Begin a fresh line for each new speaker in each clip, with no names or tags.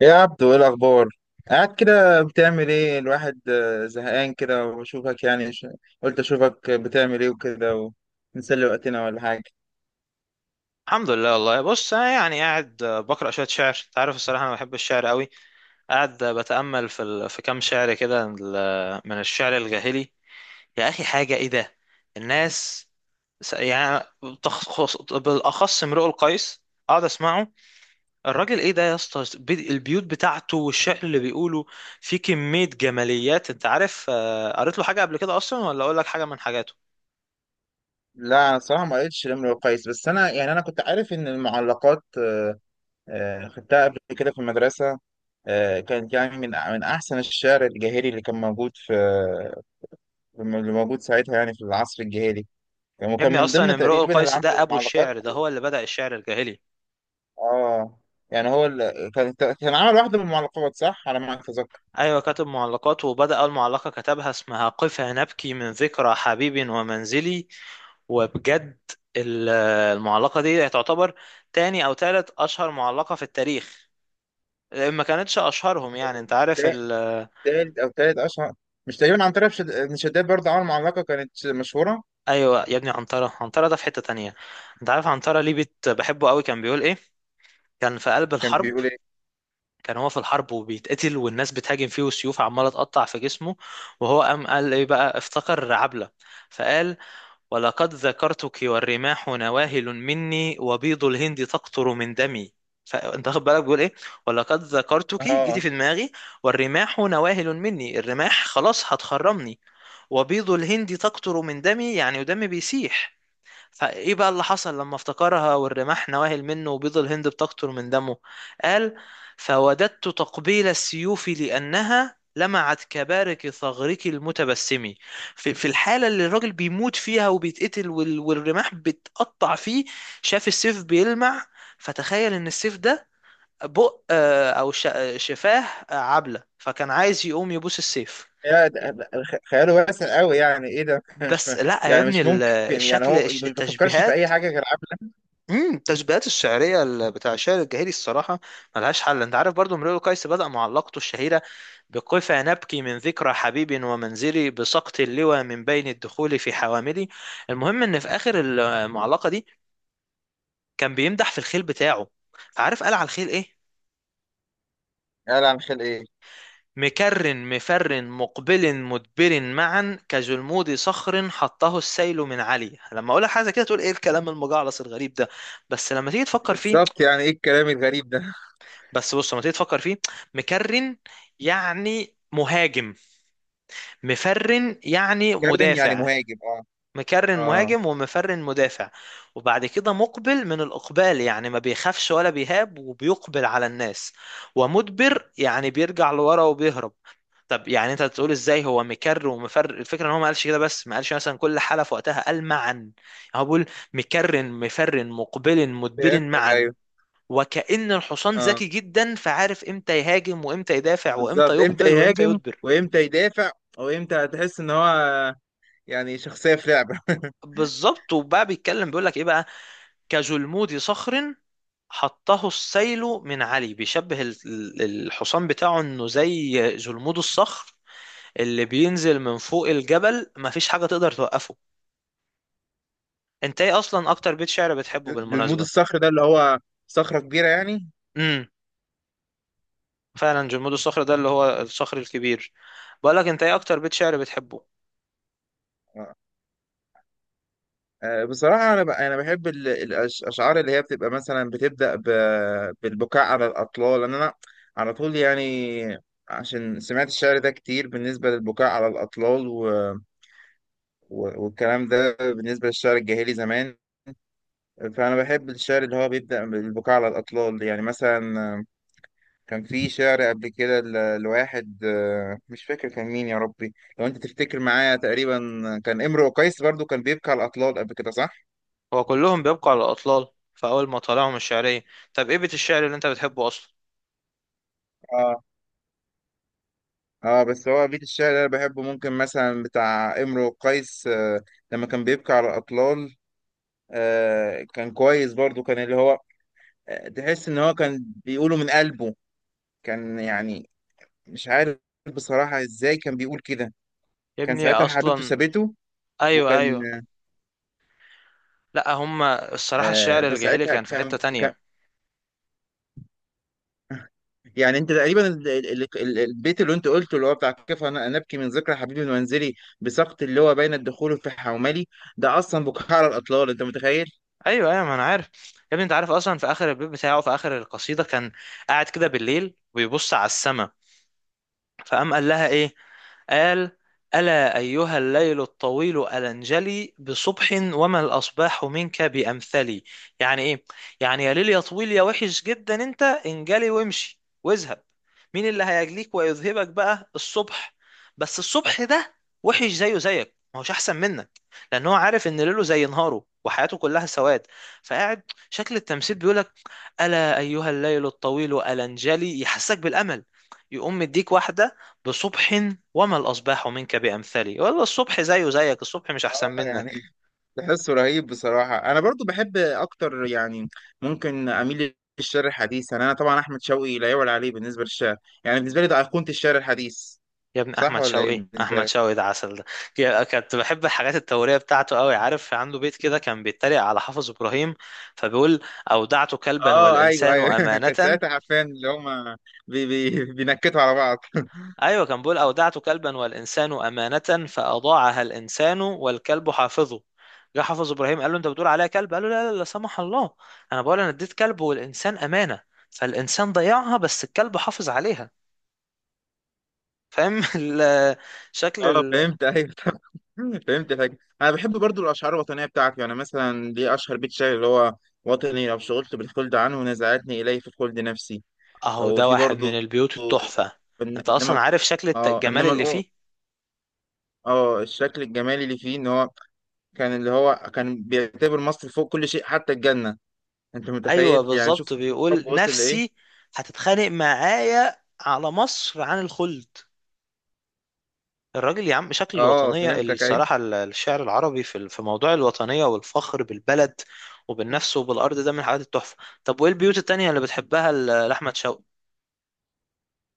يا عبدو، ايه الاخبار؟ قاعد كده بتعمل ايه الواحد، زهقان كده. وبشوفك يعني، قلت اشوفك بتعمل ايه وكده، ونسلي وقتنا ولا حاجه.
الحمد لله، والله بص انا يعني قاعد، بقرا شويه شعر. انت عارف الصراحه انا بحب الشعر قوي. قاعد بتامل في كام شعر كده، من الشعر الجاهلي. يا اخي حاجه ايه ده. الناس، يعني بالاخص امرؤ القيس. اقعد اسمعه. الراجل ايه ده يا اسطى، البيوت بتاعته والشعر اللي بيقوله فيه كميه جماليات. انت عارف قريت له حاجه قبل كده اصلا؟ ولا اقول لك حاجه من حاجاته.
لا، أنا صراحه ما قريتش الامر كويس، بس انا يعني كنت عارف ان المعلقات، خدتها قبل كده في المدرسه. كانت يعني من احسن الشعر الجاهلي اللي موجود ساعتها، يعني في العصر الجاهلي.
يا
وكان
ابني
من
اصلا
ضمن
امرؤ
تقريبا اللي
القيس
عمل
ده ابو
المعلقات.
الشعر، ده هو اللي بدأ الشعر الجاهلي.
اه، يعني هو كان عمل واحدة من المعلقات، صح على ما اتذكر.
ايوه كاتب معلقات، وبدأ اول معلقة كتبها اسمها قف نبكي من ذكرى حبيب ومنزلي. وبجد ال- المعلقة دي تعتبر تاني او تالت اشهر معلقة في التاريخ. ما كانتش اشهرهم يعني، انت عارف
تا- تالت او تالت اشهر. مش تقريبا عن طريق ابن شداد برضه عمل معلقة كانت مشهورة؟
ايوه يا ابني، عنترة. عنترة ده في حتة تانية. انت عارف عنترة ليه بحبه قوي؟ كان بيقول ايه؟ كان في قلب
كان
الحرب.
بيقول ايه؟
كان هو في الحرب وبيتقتل، والناس بتهاجم فيه، والسيوف عمالة تقطع في جسمه، وهو قام قال ايه بقى؟ افتكر عبلة. فقال: ولقد ذكرتك والرماح نواهل مني، وبيض الهند تقطر من دمي. فانت واخد بالك بيقول ايه؟ ولقد ذكرتك: جيتي
اه.
في دماغي. والرماح نواهل مني: الرماح خلاص هتخرمني. وبيض الهند تقطر من دمي: يعني ودمي بيسيح. فايه بقى اللي حصل لما افتكرها والرماح نواهل منه وبيض الهند بتقطر من دمه؟ قال: فوددت تقبيل السيوف لأنها لمعت كبارك ثغرك المتبسم. في الحالة اللي الراجل بيموت فيها وبيتقتل، والرماح بتقطع فيه، شاف السيف بيلمع. فتخيل ان السيف ده بق آه، او ش- آه، شفاه عبلة، فكان عايز يقوم يبوس السيف.
يا ده- ده- خ- خياله واسع قوي، يعني ايه ده. مش
بس
م-
لا يا
يعني
ابني،
مش ممكن، يعني
الشكل،
هو ما بيفكرش في
التشبيهات.
اي حاجة غير عبلة.
التشبيهات الشعريه، بتاع الشعر الجاهلي الصراحه ملهاش حل. انت عارف برضو امرؤ قيس بدا معلقته الشهيره بقف نبكي من ذكرى حبيب ومنزلي، بسقط اللوى من بين الدخول في حواملي. المهم ان في اخر المعلقه دي كان بيمدح في الخيل بتاعه. فعارف قال على الخيل ايه؟
قال عن خلق ايه؟
مكر مفر مقبل مدبر معا، كجلمود صخر حطه السيل من علي. لما اقولها حاجه كده تقول ايه الكلام المجعلص الغريب ده. بس لما تيجي تفكر فيه.
بالظبط، يعني ايه الكلام الغريب ده؟
بس بص لما تيجي تفكر فيه. مكرن يعني مهاجم، مفرن يعني
كرن يعني
مدافع.
مهاجم، اه.
مكرن
اه،
مهاجم، ومفرن مدافع. وبعد كده مقبل من الإقبال، يعني ما بيخافش ولا بيهاب وبيقبل على الناس. ومدبر يعني بيرجع لورا وبيهرب. طب يعني انت تقول ازاي هو مكر ومفر؟ الفكره ان هو ما قالش كده، بس ما قالش مثلا كل حاله في وقتها، قال معا. يعني هو بيقول: مكرن مفرن مقبل مدبر
فهمتك،
معا.
ايوه.
وكأن الحصان
اه،
ذكي جدا، فعارف امتى يهاجم وامتى يدافع وامتى
بالظبط، امتى
يقبل وامتى
يهاجم
يدبر.
وامتى يدافع، وامتى هتحس ان هو يعني شخصية في لعبة.
بالظبط. وبقى بيتكلم بيقول لك ايه بقى؟ كجلمود صخر حطه السيل من علي. بيشبه الحصان بتاعه انه زي جلمود الصخر اللي بينزل من فوق الجبل، مفيش حاجة تقدر توقفه. انت ايه اصلا اكتر بيت شعر بتحبه
المود
بالمناسبة؟
الصخر ده اللي هو صخرة كبيرة يعني.
امم فعلا جلمود الصخر ده اللي هو الصخر الكبير. بقولك انت ايه اكتر بيت شعر بتحبه؟
آه، بصراحة أنا أنا بحب الأشعار اللي هي بتبقى مثلا بتبدأ بالبكاء على الأطلال، لأن أنا على طول يعني، عشان سمعت الشعر ده كتير بالنسبة للبكاء على الأطلال، والكلام ده بالنسبة للشعر الجاهلي زمان. فأنا بحب الشعر اللي هو بيبدأ بالبكاء على الأطلال، يعني مثلا كان في شعر قبل كده لواحد، مش فاكر كان مين يا ربي، لو انت تفتكر معايا. تقريبا كان امرؤ قيس برضو كان بيبكي على الاطلال قبل كده، صح؟
هو كلهم بيبقوا على الأطلال في أول ما طلعهم الشعرية. طب إيه بيت الشعر اللي أنت بتحبه أصلا؟
اه اه، بس هو بيت الشعر اللي انا بحبه ممكن مثلا بتاع امرؤ قيس، لما كان بيبكي على الاطلال. كان كويس برضو، كان اللي هو تحس ان هو كان بيقوله من قلبه. كان يعني مش عارف بصراحة ازاي كان بيقول كده.
يا
كان
ابني
ساعتها حبيبته
أصلا.
سابته.
أيوه
وكان
أيوه. لأ، هما الصراحة
آه،
الشعر الجاهلي
فساعتها
كان في حتة
كان،
تانية.
يعني انت تقريبا البيت اللي انت قلته اللي هو بتاع كيف انا نبكي من ذكرى حبيبي المنزلي، بسقط اللي هو بين الدخول في حوملي. ده اصلا بكاء على الاطلال، انت متخيل.
أيوه أيوه، ما أنا عارف. يا ابني أنت عارف أصلا في آخر البيت بتاعه، في آخر القصيدة كان قاعد كده بالليل وبيبص على السما، فقام قال لها ايه؟ قال: ألا أيها الليل الطويل ألنجلي، بصبح وما الأصباح منك بأمثلي. يعني إيه؟ يعني يا ليل يا طويل يا وحش جدا، أنت انجلي وامشي واذهب. مين اللي هيجليك ويذهبك بقى؟ الصبح. بس الصبح ده وحش زيه زيك، ما هوش أحسن منك. لأن هو عارف إن ليله زي نهاره، وحياته كلها سواد. فقاعد شكل التمثيل بيقولك: ألا أيها الليل الطويل ألنجلي، يحسسك بالأمل، يقوم مديك واحدة: بصبح وما الأصباح منك بأمثلي. والله الصبح زيه زيك، الصبح مش أحسن
اه يعني
منك.
تحسه رهيب بصراحه. انا برضو بحب اكتر يعني، ممكن اميل للشعر الحديث. يعني انا طبعا احمد شوقي لا يعلى عليه بالنسبه للشعر، يعني بالنسبه لي ده ايقونه الشعر الحديث.
يا ابن
صح
أحمد
ولا ايه
شوقي،
بالنسبه
أحمد
لك؟
شوقي ده عسل ده. كنت بحب الحاجات التورية بتاعته قوي. عارف عنده بيت كده كان بيتريق على حافظ إبراهيم، فبيقول: أودعت كلبا
اه ايوه
والإنسان
ايوه. كان
أمانة.
ساعتها حرفيا اللي هم بي بي بينكتوا على بعض.
أيوة كان بيقول: أودعت كلبا والإنسان أمانة، فأضاعها الإنسان والكلب حافظه. جه حافظ إبراهيم قال له أنت بتقول عليا كلب؟ قال له لا لا لا سمح الله، أنا بقول أنا اديت كلب والإنسان أمانة، فالإنسان ضيعها بس الكلب حافظ عليها. فاهم؟ شكل
اه
ال...
فهمت، ايوه. فهمت الحاجة. انا بحب برضو الاشعار الوطنيه بتاعته، يعني مثلا ليه اشهر بيت شعر اللي هو: وطني لو شغلت بالخلد عنه، نزعتني اليه في الخلد نفسي.
اهو
او
ده
في
واحد من
برضو
البيوت التحفة.
إن-
انت اصلا
انما.
عارف شكل
اه
الجمال اللي فيه.
اه، الشكل الجمالي اللي فيه ان هو كان اللي هو كان بيعتبر مصر فوق كل شيء حتى الجنه. انت
ايوه
متخيل يعني، شوف
بالظبط،
شوف الحب
بيقول
وصل لايه.
نفسي هتتخانق معايا على مصر عن الخلد. الراجل يا عم شكل
اه،
الوطنية
فهمتك، أيوة.
الصراحة، الشعر العربي في موضوع الوطنية والفخر بالبلد وبالنفس وبالأرض ده من الحاجات التحفة. طب وإيه البيوت التانية اللي بتحبها لأحمد شوقي؟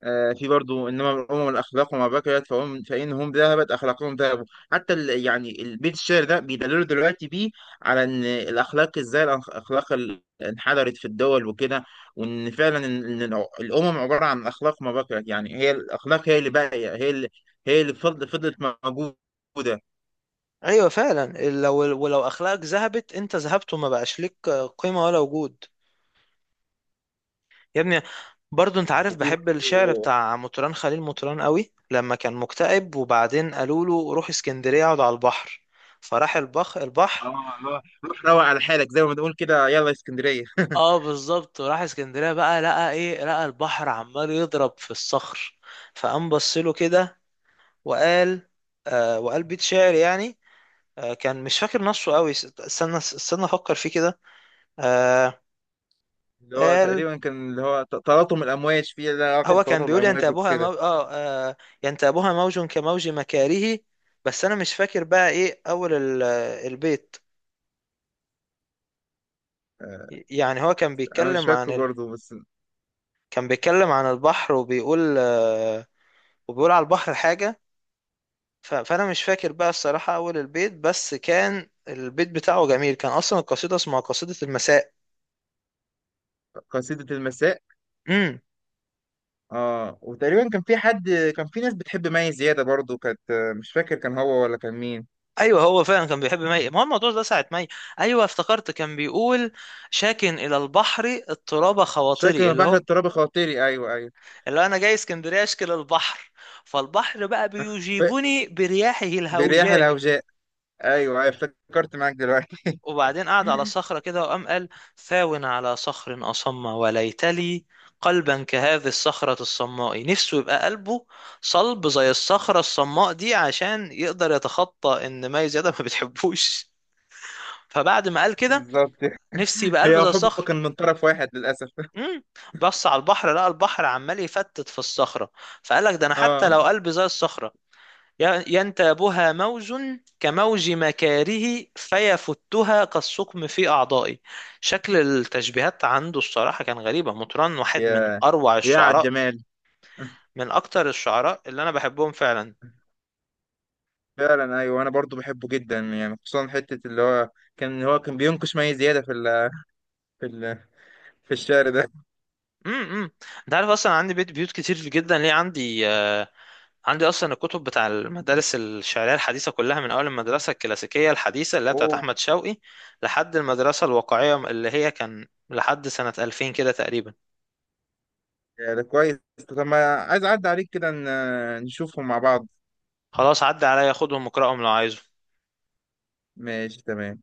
في برضو: انما الامم الاخلاق وما بقيت فهم، فانهم ذهبت اخلاقهم ذهبوا. حتى يعني البيت الشعر ده بيدللوا دلوقتي بيه على ان الاخلاق، ازاي الاخلاق انحدرت في الدول وكده، وان فعلا الامم عباره عن اخلاق ما بقيت، يعني هي الاخلاق هي اللي باقيه، هي اللي فضلت موجوده.
أيوة فعلا، لو ولو أخلاقك ذهبت أنت ذهبت وما بقاش ليك قيمة ولا وجود. يا ابني، برضو انت عارف
وفي
بحب الشعر
برضو
بتاع مطران، خليل مطران، قوي. لما كان مكتئب وبعدين قالوا له روح اسكندرية اقعد على البحر، فراح
اه،
البحر.
اللي هو روح روق على حالك زي ما بنقول كده، يلا يا اسكندريه.
اه بالظبط، وراح اسكندرية بقى، لقى ايه؟ لقى البحر عمال يضرب في الصخر، فقام بص له كده وقال، وقال بيت شعر يعني. كان مش فاكر نصه قوي. استنى استنى افكر فيه كده. آه
اللي هو
قال:
تقريبا كان اللي هو تلاطم الامواج فيه ده لقب
هو كان
تلاطم
بيقول
الامواج
ينتابها مو...
وكده.
اه آه، ينتابها موج كموج مكاره. بس انا مش فاكر بقى ايه اول البيت.
آه.
يعني هو كان
انا مش
بيتكلم عن
فاكره
ال...
برضه بس.
كان بيتكلم عن البحر وبيقول على البحر حاجة. فانا مش فاكر بقى الصراحة اول البيت، بس كان البيت بتاعه جميل. كان اصلا القصيدة اسمها قصيدة المساء.
قصيدة المساء.
امم
اه، وتقريبا كان في ناس بتحب مي زيادة برضه كانت. مش فاكر كان هو ولا كان مين.
ايوه، هو فعلا كان بيحب مي، ما هو الموضوع ده ساعة مي. ايوه افتكرت، كان بيقول: شاكن الى البحر اضطراب
مش فاكر
خواطري. اللي
البحر
هو
الترابي خاطري، ايوه ايوه.
اللي انا جاي اسكندريه اشكل البحر، فالبحر بقى
ف...
بيجيبني برياحه
برياح
الهوجاء.
الهوجاء. ايوه أيوة، افتكرت معاك دلوقتي.
وبعدين قعد على صخره كده وقام قال: ثاو على صخر اصم وليت لي قلبا كهذه الصخره الصماء. نفسه يبقى قلبه صلب زي الصخره الصماء دي عشان يقدر يتخطى ان مي زياده ما بتحبوش. فبعد ما قال كده
بالظبط.
نفسي يبقى
هي
قلب زي
وحبه
الصخر.
كان من طرف واحد للاسف.
امم بص على البحر، لقى البحر عمال يفتت في الصخره. فقال لك ده انا حتى
اه،
لو قلبي زي الصخره: ينتابها موج كموج مكاره فيفتها كالسقم في أعضائي. شكل التشبيهات عنده الصراحة كان غريبة. مطران واحد من
يا
أروع
يا على
الشعراء،
الجمال.
من أكتر الشعراء اللي أنا بحبهم فعلا.
فعلا، ايوه انا برضو بحبه جدا يعني، خصوصا حته اللي هو كان هو كان بينقش مي زياده في ال في الشعر ده.
امم انت عارف اصلا عندي بيوت كتير جدا ليه، عندي اصلا الكتب بتاع المدارس الشعريه الحديثه كلها، من اول المدرسه الكلاسيكيه الحديثه اللي هي بتاعت
اوه،
احمد شوقي لحد المدرسه الواقعيه اللي هي كان لحد سنه 2000 كده تقريبا.
يعني كويس. طب ما عايز أعدي عليك كده نشوفهم مع بعض.
خلاص عدى عليا خدهم واقرأهم لو عايزه.
ماشي، تمام.